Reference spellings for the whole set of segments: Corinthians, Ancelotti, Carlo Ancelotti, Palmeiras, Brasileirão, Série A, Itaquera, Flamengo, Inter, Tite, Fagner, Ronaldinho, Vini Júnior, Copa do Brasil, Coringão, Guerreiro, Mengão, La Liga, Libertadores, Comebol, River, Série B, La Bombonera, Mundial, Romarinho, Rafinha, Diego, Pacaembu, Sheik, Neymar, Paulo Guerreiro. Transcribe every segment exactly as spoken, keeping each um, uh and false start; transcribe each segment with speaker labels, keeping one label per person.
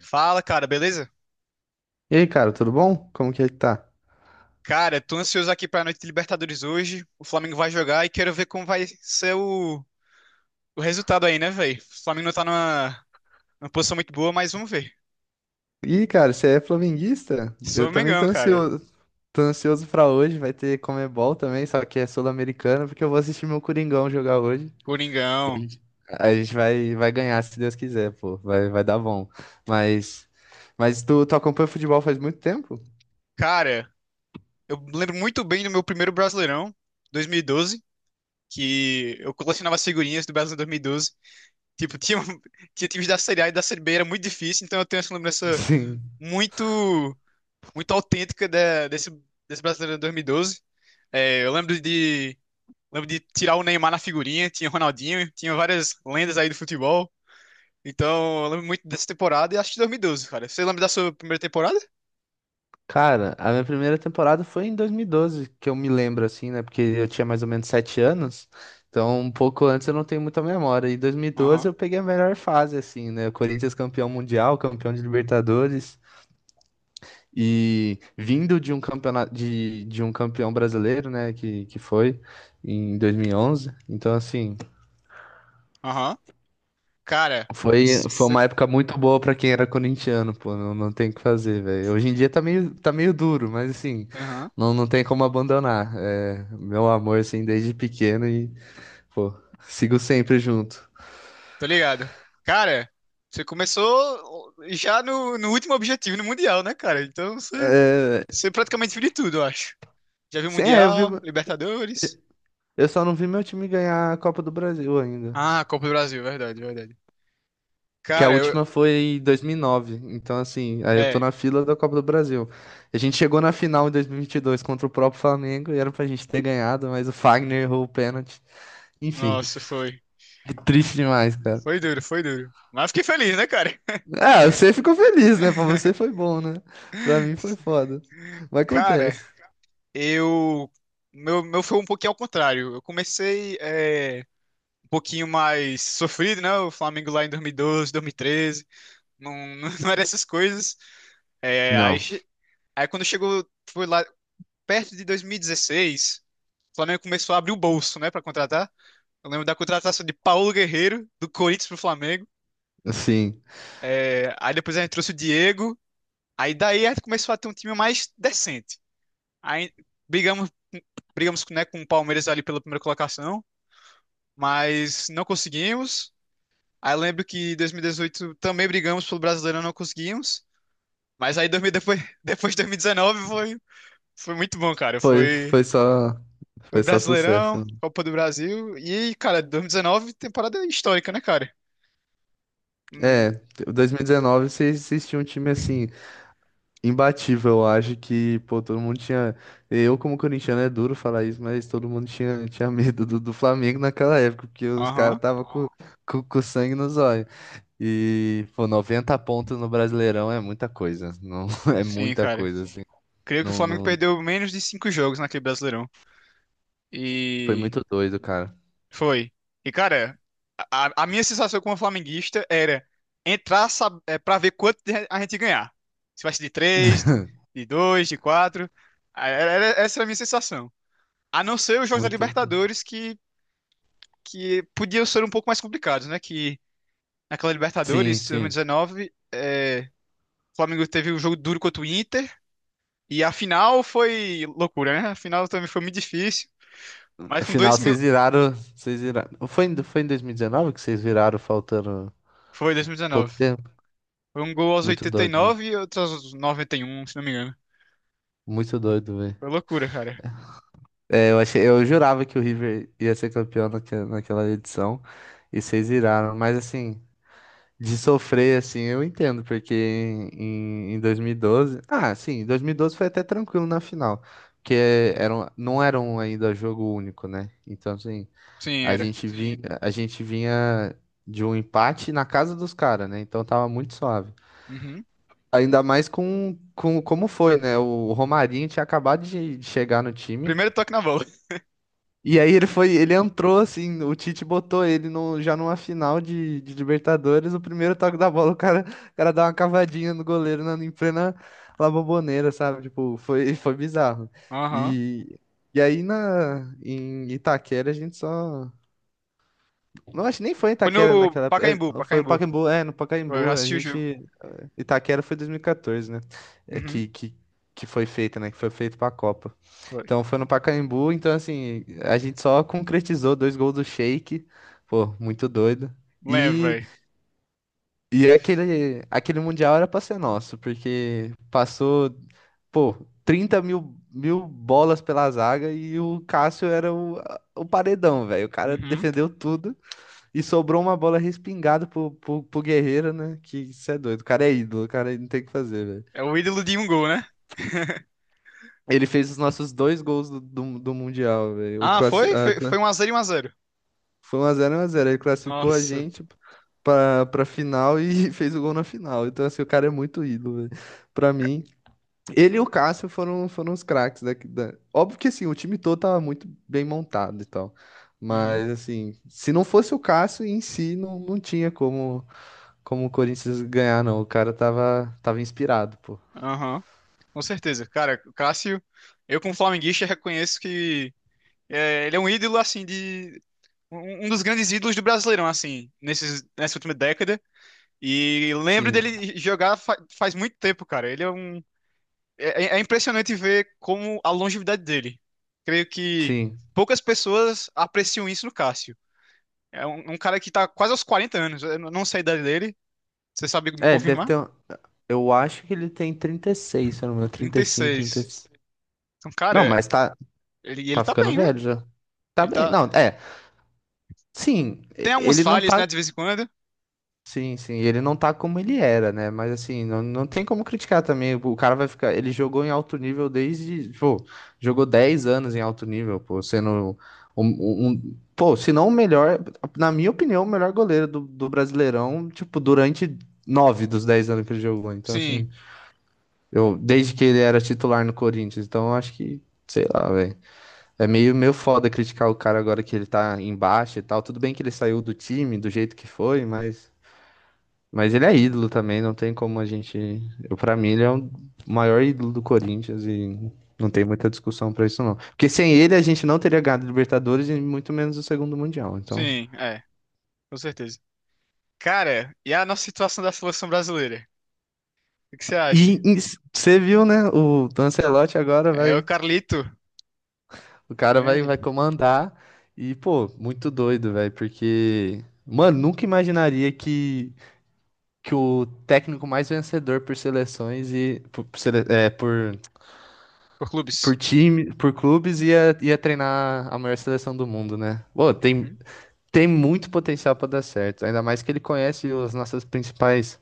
Speaker 1: Fala, cara, beleza?
Speaker 2: E aí, cara, tudo bom? Como que é que tá?
Speaker 1: Cara, tô ansioso aqui pra noite de Libertadores hoje. O Flamengo vai jogar e quero ver como vai ser o, o resultado aí, né, velho? O Flamengo não tá numa, numa posição muito boa, mas vamos ver.
Speaker 2: Ih, cara, você é flamenguista?
Speaker 1: Sou
Speaker 2: Eu também tô
Speaker 1: Mengão, cara.
Speaker 2: ansioso. Tô ansioso pra hoje, vai ter Comebol também, só que é sul-americano, porque eu vou assistir meu Coringão jogar hoje. E a
Speaker 1: Coringão.
Speaker 2: gente, a gente vai, vai ganhar, se Deus quiser, pô. Vai, vai dar bom. Mas, mas tu, tu acompanha futebol faz muito tempo?
Speaker 1: Cara, eu lembro muito bem do meu primeiro Brasileirão, dois mil e doze, que eu colecionava figurinhas do Brasileirão dois mil e doze. Tipo, tinha, tinha times da Série A e da Série B, era muito difícil, então eu tenho essa lembrança
Speaker 2: Sim.
Speaker 1: muito, muito autêntica da- desse, desse Brasileirão dois mil e doze. É, eu lembro de, lembro de tirar o Neymar na figurinha, tinha Ronaldinho, tinha várias lendas aí do futebol. Então, eu lembro muito dessa temporada e acho que dois mil e doze, cara. Você lembra da sua primeira temporada?
Speaker 2: Cara, a minha primeira temporada foi em dois mil e doze, que eu me lembro assim, né? Porque eu tinha mais ou menos sete anos, então um pouco antes eu não tenho muita memória. E dois mil e doze
Speaker 1: Aham,
Speaker 2: eu peguei a melhor fase, assim, né? O Corinthians campeão mundial, campeão de Libertadores, e vindo de um campeonato de, de um campeão brasileiro, né? Que, que foi em dois mil e onze. Então, assim.
Speaker 1: aham. Cara,
Speaker 2: Foi, foi
Speaker 1: você.
Speaker 2: uma época muito boa pra quem era corintiano, pô, não, não tem o que fazer, velho. Hoje em dia tá meio, tá meio duro, mas assim,
Speaker 1: Aham,
Speaker 2: não, não tem como abandonar. É, meu amor, assim, desde pequeno e, pô, sigo sempre junto.
Speaker 1: tô ligado. Cara, você começou já no, no último objetivo, no Mundial, né, cara? Então, você,
Speaker 2: É,
Speaker 1: você praticamente viu de tudo, eu acho. Já viu
Speaker 2: sim, é, eu vi,
Speaker 1: Mundial, Libertadores.
Speaker 2: eu só não vi meu time ganhar a Copa do Brasil ainda.
Speaker 1: Ah, Copa do Brasil, verdade, verdade.
Speaker 2: Que a
Speaker 1: Cara, eu.
Speaker 2: última foi em dois mil e nove, então assim, aí eu tô
Speaker 1: É,
Speaker 2: na fila da Copa do Brasil. A gente chegou na final em dois mil e vinte e dois contra o próprio Flamengo e era pra gente ter ganhado, mas o Fagner errou o pênalti. Enfim.
Speaker 1: nossa, foi.
Speaker 2: Triste demais, cara.
Speaker 1: Foi duro, foi duro. Mas fiquei feliz, né, cara?
Speaker 2: Ah, você ficou feliz, né? Pra você foi bom, né? Pra mim foi foda. Mas
Speaker 1: Cara,
Speaker 2: acontece.
Speaker 1: eu. Meu, meu foi um pouquinho ao contrário. Eu comecei é, um pouquinho mais sofrido, né? O Flamengo lá em dois mil e doze, dois mil e treze. Não, não, não era essas coisas. É, aí,
Speaker 2: Não,
Speaker 1: che- aí quando chegou, foi lá perto de dois mil e dezesseis, o Flamengo começou a abrir o bolso, né, pra contratar. Eu lembro da contratação de Paulo Guerreiro, do Corinthians pro Flamengo.
Speaker 2: assim,
Speaker 1: É, aí depois a gente trouxe o Diego. Aí daí a gente começou a ter um time mais decente. Aí, brigamos, brigamos, né, com o Palmeiras ali pela primeira colocação, mas não conseguimos. Aí eu lembro que em dois mil e dezoito também brigamos pelo Brasileirão, não conseguimos. Mas aí dois mil depois, depois de dois mil e dezenove foi, foi muito bom, cara.
Speaker 2: foi,
Speaker 1: Foi,
Speaker 2: foi só,
Speaker 1: foi
Speaker 2: foi só
Speaker 1: Brasileirão,
Speaker 2: sucesso.
Speaker 1: Copa do Brasil. E, cara, dois mil e dezenove, temporada histórica, né, cara? Hum,
Speaker 2: É, dois mil e dezenove vocês vocês tinham um time assim, imbatível, eu acho que, pô, todo mundo tinha. Eu, como corintiano, é duro falar isso, mas todo mundo tinha, tinha medo do, do Flamengo naquela época, porque os
Speaker 1: Aham,
Speaker 2: caras tava com, com, com sangue nos olhos. E, pô, noventa pontos no Brasileirão é muita coisa. Não, é
Speaker 1: sim,
Speaker 2: muita
Speaker 1: cara.
Speaker 2: coisa. Assim.
Speaker 1: Creio que o
Speaker 2: Não,
Speaker 1: Flamengo
Speaker 2: não,
Speaker 1: perdeu menos de cinco jogos naquele Brasileirão.
Speaker 2: foi
Speaker 1: E
Speaker 2: muito doido, cara.
Speaker 1: foi. E, cara, a, a minha sensação como flamenguista era entrar sab- é, pra ver quanto de- a gente ganhar. Se vai ser de três, de dois, de quatro. Ah, Era, era- essa era a minha sensação. A não ser os jogos da
Speaker 2: Muito.
Speaker 1: Libertadores que, que podiam ser um pouco mais complicados, né? Que naquela
Speaker 2: Sim,
Speaker 1: Libertadores,
Speaker 2: sim.
Speaker 1: dois mil e dezenove, é, o Flamengo teve um jogo duro contra o Inter. E a final foi loucura, né? A final também foi muito difícil. Mas com
Speaker 2: Afinal,
Speaker 1: dois mil.
Speaker 2: vocês viraram, vocês viraram. Foi, em- foi em dois mil e dezenove que vocês viraram faltando
Speaker 1: Foi
Speaker 2: pouco
Speaker 1: dois mil e dezenove.
Speaker 2: tempo?
Speaker 1: Foi um gol aos
Speaker 2: Muito
Speaker 1: oitenta e
Speaker 2: doido, né?
Speaker 1: nove e outro aos noventa e um se não me engano.
Speaker 2: Muito doido, velho.
Speaker 1: Foi loucura, cara.
Speaker 2: É, eu achei, eu jurava que o River ia ser campeão naque- naquela edição e vocês viraram, mas assim, de sofrer assim, eu entendo, porque em, em dois mil e doze, ah, sim, em dois mil e doze foi até tranquilo na final, porque era, um- não era um ainda jogo único, né? Então, assim,
Speaker 1: Sim,
Speaker 2: A
Speaker 1: era.
Speaker 2: gente vinha, a gente vinha de um empate na casa dos caras, né? Então tava muito suave.
Speaker 1: Uhum.
Speaker 2: Ainda mais com, com como foi, né? O Romarinho tinha acabado de de chegar no time.
Speaker 1: Primeiro toque na bola.
Speaker 2: E aí ele foi, ele entrou assim, o Tite botou ele no, já numa final de, de Libertadores, o primeiro toque da bola, o cara, o cara dá uma cavadinha no goleiro na, em plena La Bombonera, sabe? Tipo, foi, foi bizarro.
Speaker 1: Aham.
Speaker 2: E, e aí na, em Itaquera a gente só não, acho que nem foi em
Speaker 1: Foi
Speaker 2: Itaquera
Speaker 1: no
Speaker 2: naquela. É,
Speaker 1: Pacaembu,
Speaker 2: foi no
Speaker 1: Pacaembu.
Speaker 2: Pacaembu, é, no
Speaker 1: Eu
Speaker 2: Pacaembu. A
Speaker 1: assisti o jogo.
Speaker 2: gente. Itaquera foi dois mil e quatorze, né? É,
Speaker 1: Uhum.
Speaker 2: que, que, que foi feita, né? Que foi feito pra Copa.
Speaker 1: Foi.
Speaker 2: Então foi no Pacaembu, então assim, a gente só concretizou dois gols do Sheik. Pô, muito doido.
Speaker 1: Lembro,
Speaker 2: E,
Speaker 1: velho.
Speaker 2: e aquele, aquele Mundial era pra ser nosso, porque passou, pô, trinta mil, mil bolas pela zaga e o Cássio era o, o paredão, velho. O cara
Speaker 1: Uhum.
Speaker 2: defendeu tudo. E sobrou uma bola respingada pro, pro, pro Guerreiro, né? Que isso é doido. O cara é ídolo, o cara não tem o que fazer, velho.
Speaker 1: É o ídolo de um gol, né?
Speaker 2: Ele fez os nossos dois gols do, do, do Mundial, velho. O
Speaker 1: Ah,
Speaker 2: classi...
Speaker 1: foi?
Speaker 2: a
Speaker 1: Foi,
Speaker 2: cla-
Speaker 1: foi um x zero e um x zero.
Speaker 2: foi um a zero é um a zero. Ele classificou a
Speaker 1: Nossa.
Speaker 2: gente pra, pra final e fez o gol na final. Então, assim, o cara é muito ídolo, velho. Pra mim. Ele e o Cássio foram, foram os craques daqui da... Óbvio que, assim, o time todo tava muito bem montado e tal.
Speaker 1: Uhum.
Speaker 2: Mas, assim, se não fosse o Cássio em si, não, não tinha como como o Corinthians ganhar, não. O cara tava, tava inspirado, pô.
Speaker 1: Aham. Com certeza. Cara, o Cássio, eu como flamenguista reconheço que é, ele é um ídolo, assim, de. Um um dos grandes ídolos do Brasileirão, assim, nesses, nessa última década. E lembro
Speaker 2: Sim,
Speaker 1: dele jogar fa- faz muito tempo, cara. Ele é um. É, é é impressionante ver como a longevidade dele. Creio que
Speaker 2: sim.
Speaker 1: poucas pessoas apreciam isso no Cássio. É um, um cara que tá quase aos quarenta anos. Eu não sei a idade dele. Você sabe me
Speaker 2: É, ele deve
Speaker 1: confirmar?
Speaker 2: ter. Um- eu acho que ele tem trinta e seis, se eu não me engano, trinta
Speaker 1: Trinta
Speaker 2: e
Speaker 1: e
Speaker 2: cinco, trinta e
Speaker 1: seis.
Speaker 2: seis.
Speaker 1: Então,
Speaker 2: Não,
Speaker 1: cara,
Speaker 2: mas tá,
Speaker 1: ele, ele
Speaker 2: tá
Speaker 1: tá
Speaker 2: ficando
Speaker 1: bem, né?
Speaker 2: velho já. Tá
Speaker 1: Ele
Speaker 2: bem.
Speaker 1: tá.
Speaker 2: Não, é. Sim,
Speaker 1: Tem
Speaker 2: e-
Speaker 1: algumas
Speaker 2: ele não
Speaker 1: falhas, né,
Speaker 2: tá
Speaker 1: de vez em quando.
Speaker 2: sim, sim, ele não tá como ele era, né? Mas assim, não, não tem como criticar também. O cara vai ficar. Ele jogou em alto nível desde. Pô, jogou dez anos em alto nível, pô, sendo um, um- um- pô, se não o melhor, na minha opinião, o melhor goleiro do, do Brasileirão, tipo, durante nove dos dez anos que ele jogou. Então, assim,
Speaker 1: Sim,
Speaker 2: eu, desde que ele era titular no Corinthians, então eu acho que, sei lá, velho. É meio, meio foda criticar o cara agora que ele tá embaixo e tal. Tudo bem que ele saiu do time, do jeito que foi, mas. Mas ele é ídolo também, não tem como a gente. Eu, pra mim, ele é o maior ídolo do Corinthians e não tem muita discussão pra isso, não. Porque sem ele a gente não teria ganhado Libertadores e muito menos o segundo Mundial. Então.
Speaker 1: sim, é, com certeza. Cara, e a nossa situação da seleção brasileira? O que que você
Speaker 2: E
Speaker 1: acha?
Speaker 2: e você viu, né? O Ancelotti agora
Speaker 1: É o
Speaker 2: vai.
Speaker 1: Carlito,
Speaker 2: O cara vai,
Speaker 1: grande,
Speaker 2: vai comandar. E, pô, muito doido, velho. Porque. Mano, nunca imaginaria que, que o técnico mais vencedor por seleções e. Por, por sele- é, por
Speaker 1: por
Speaker 2: por
Speaker 1: clubes.
Speaker 2: time, por clubes, ia, ia treinar a maior seleção do mundo, né? Pô, tem, tem muito potencial para dar certo. Ainda mais que ele conhece as nossas principais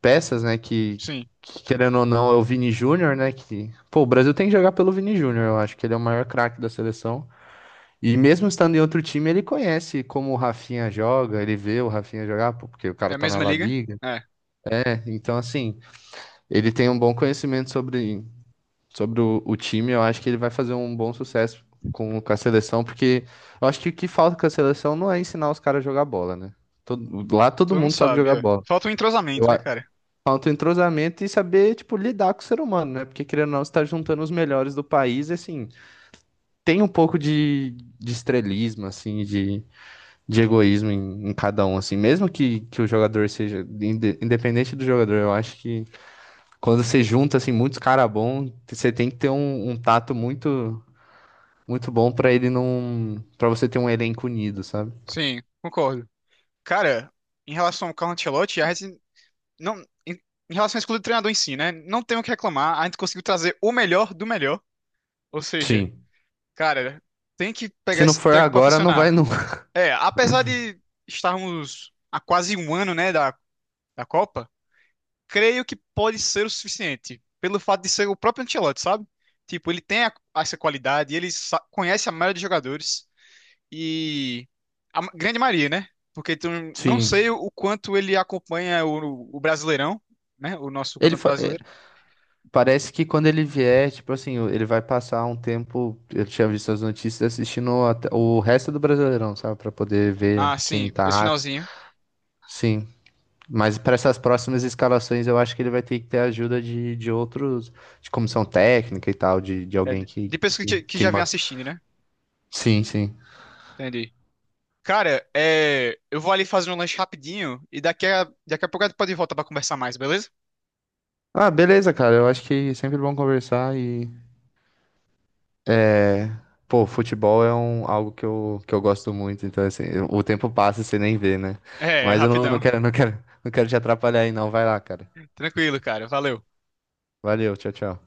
Speaker 2: peças, né? Que,
Speaker 1: Sim.
Speaker 2: que, querendo ou não, é o Vini Júnior, né? Que, pô, o Brasil tem que jogar pelo Vini Júnior, eu acho que ele é o maior craque da seleção. E mesmo estando em outro time, ele conhece como o Rafinha joga, ele vê o Rafinha jogar, pô, porque o
Speaker 1: É
Speaker 2: cara
Speaker 1: a
Speaker 2: tá na
Speaker 1: mesma
Speaker 2: La
Speaker 1: liga?
Speaker 2: Liga,
Speaker 1: É.
Speaker 2: né? Então, assim, ele tem um bom conhecimento sobre sobre o, o time, eu acho que ele vai fazer um bom sucesso com, com a seleção, porque eu acho que o que falta com a seleção não é ensinar os caras a jogar bola, né? Todo- lá todo
Speaker 1: Todo mundo
Speaker 2: mundo sabe
Speaker 1: sabe,
Speaker 2: jogar
Speaker 1: ó.
Speaker 2: bola.
Speaker 1: Falta um
Speaker 2: Eu,
Speaker 1: entrosamento, né,
Speaker 2: a-
Speaker 1: cara?
Speaker 2: falta o entrosamento e saber, tipo, lidar com o ser humano, né? Porque querendo ou não, você tá juntando os melhores do país, e, assim, tem um pouco de, de estrelismo, assim, de, de egoísmo em, em cada um, assim. Mesmo que, que o jogador seja, inde- independente do jogador, eu acho que quando você junta, assim, muitos caras bons, você tem que ter um, um tato muito muito bom pra ele não, pra você ter um elenco unido, sabe?
Speaker 1: Sim, concordo. Cara, em relação ao Carlo Ancelotti, a gente não. Em, em relação à escolha do treinador em si, né? Não tem o que reclamar. A gente conseguiu trazer o melhor do melhor. Ou seja,
Speaker 2: Sim.
Speaker 1: cara, tem que pegar
Speaker 2: Se não
Speaker 1: esse
Speaker 2: for
Speaker 1: treco pra
Speaker 2: agora, não vai
Speaker 1: funcionar.
Speaker 2: nunca.
Speaker 1: É, apesar de estarmos há quase um ano, né, da, da Copa, creio que pode ser o suficiente. Pelo fato de ser o próprio Ancelotti, sabe? Tipo, ele tem a- essa qualidade, ele sa- conhece a maioria dos jogadores. E a ma- grande Maria, né? Porque tu, não
Speaker 2: Sim.
Speaker 1: sei o quanto ele acompanha o, o Brasileirão, né? O nosso
Speaker 2: Ele
Speaker 1: Campeonato
Speaker 2: fa- é,
Speaker 1: Brasileiro.
Speaker 2: parece que quando ele vier, tipo assim, ele vai passar um tempo, eu tinha visto as notícias assistindo até o resto do Brasileirão, sabe, pra poder ver
Speaker 1: Ah,
Speaker 2: quem
Speaker 1: sim, esse
Speaker 2: tá.
Speaker 1: finalzinho.
Speaker 2: Sim. Mas para essas próximas escalações, eu acho que ele vai ter que ter ajuda de, de outros, de comissão técnica e tal, de, de
Speaker 1: É,
Speaker 2: alguém
Speaker 1: de
Speaker 2: que,
Speaker 1: de pessoas
Speaker 2: que,
Speaker 1: que, que
Speaker 2: que
Speaker 1: já vem
Speaker 2: man-
Speaker 1: assistindo, né?
Speaker 2: sim, sim.
Speaker 1: Entendi. Cara, é, eu vou ali fazer um lanche rapidinho e daqui a, daqui a pouco a gente pode voltar pra conversar mais, beleza?
Speaker 2: Ah, beleza, cara. Eu acho que é sempre bom conversar e é, pô, futebol é um, algo que eu, que eu gosto muito, então assim, eu- o tempo passa e você nem vê, né?
Speaker 1: É,
Speaker 2: Mas eu não, não
Speaker 1: rapidão.
Speaker 2: quero, não quero, não quero te atrapalhar aí, não. Vai lá, cara.
Speaker 1: Tranquilo, cara. Valeu.
Speaker 2: Valeu, tchau, tchau.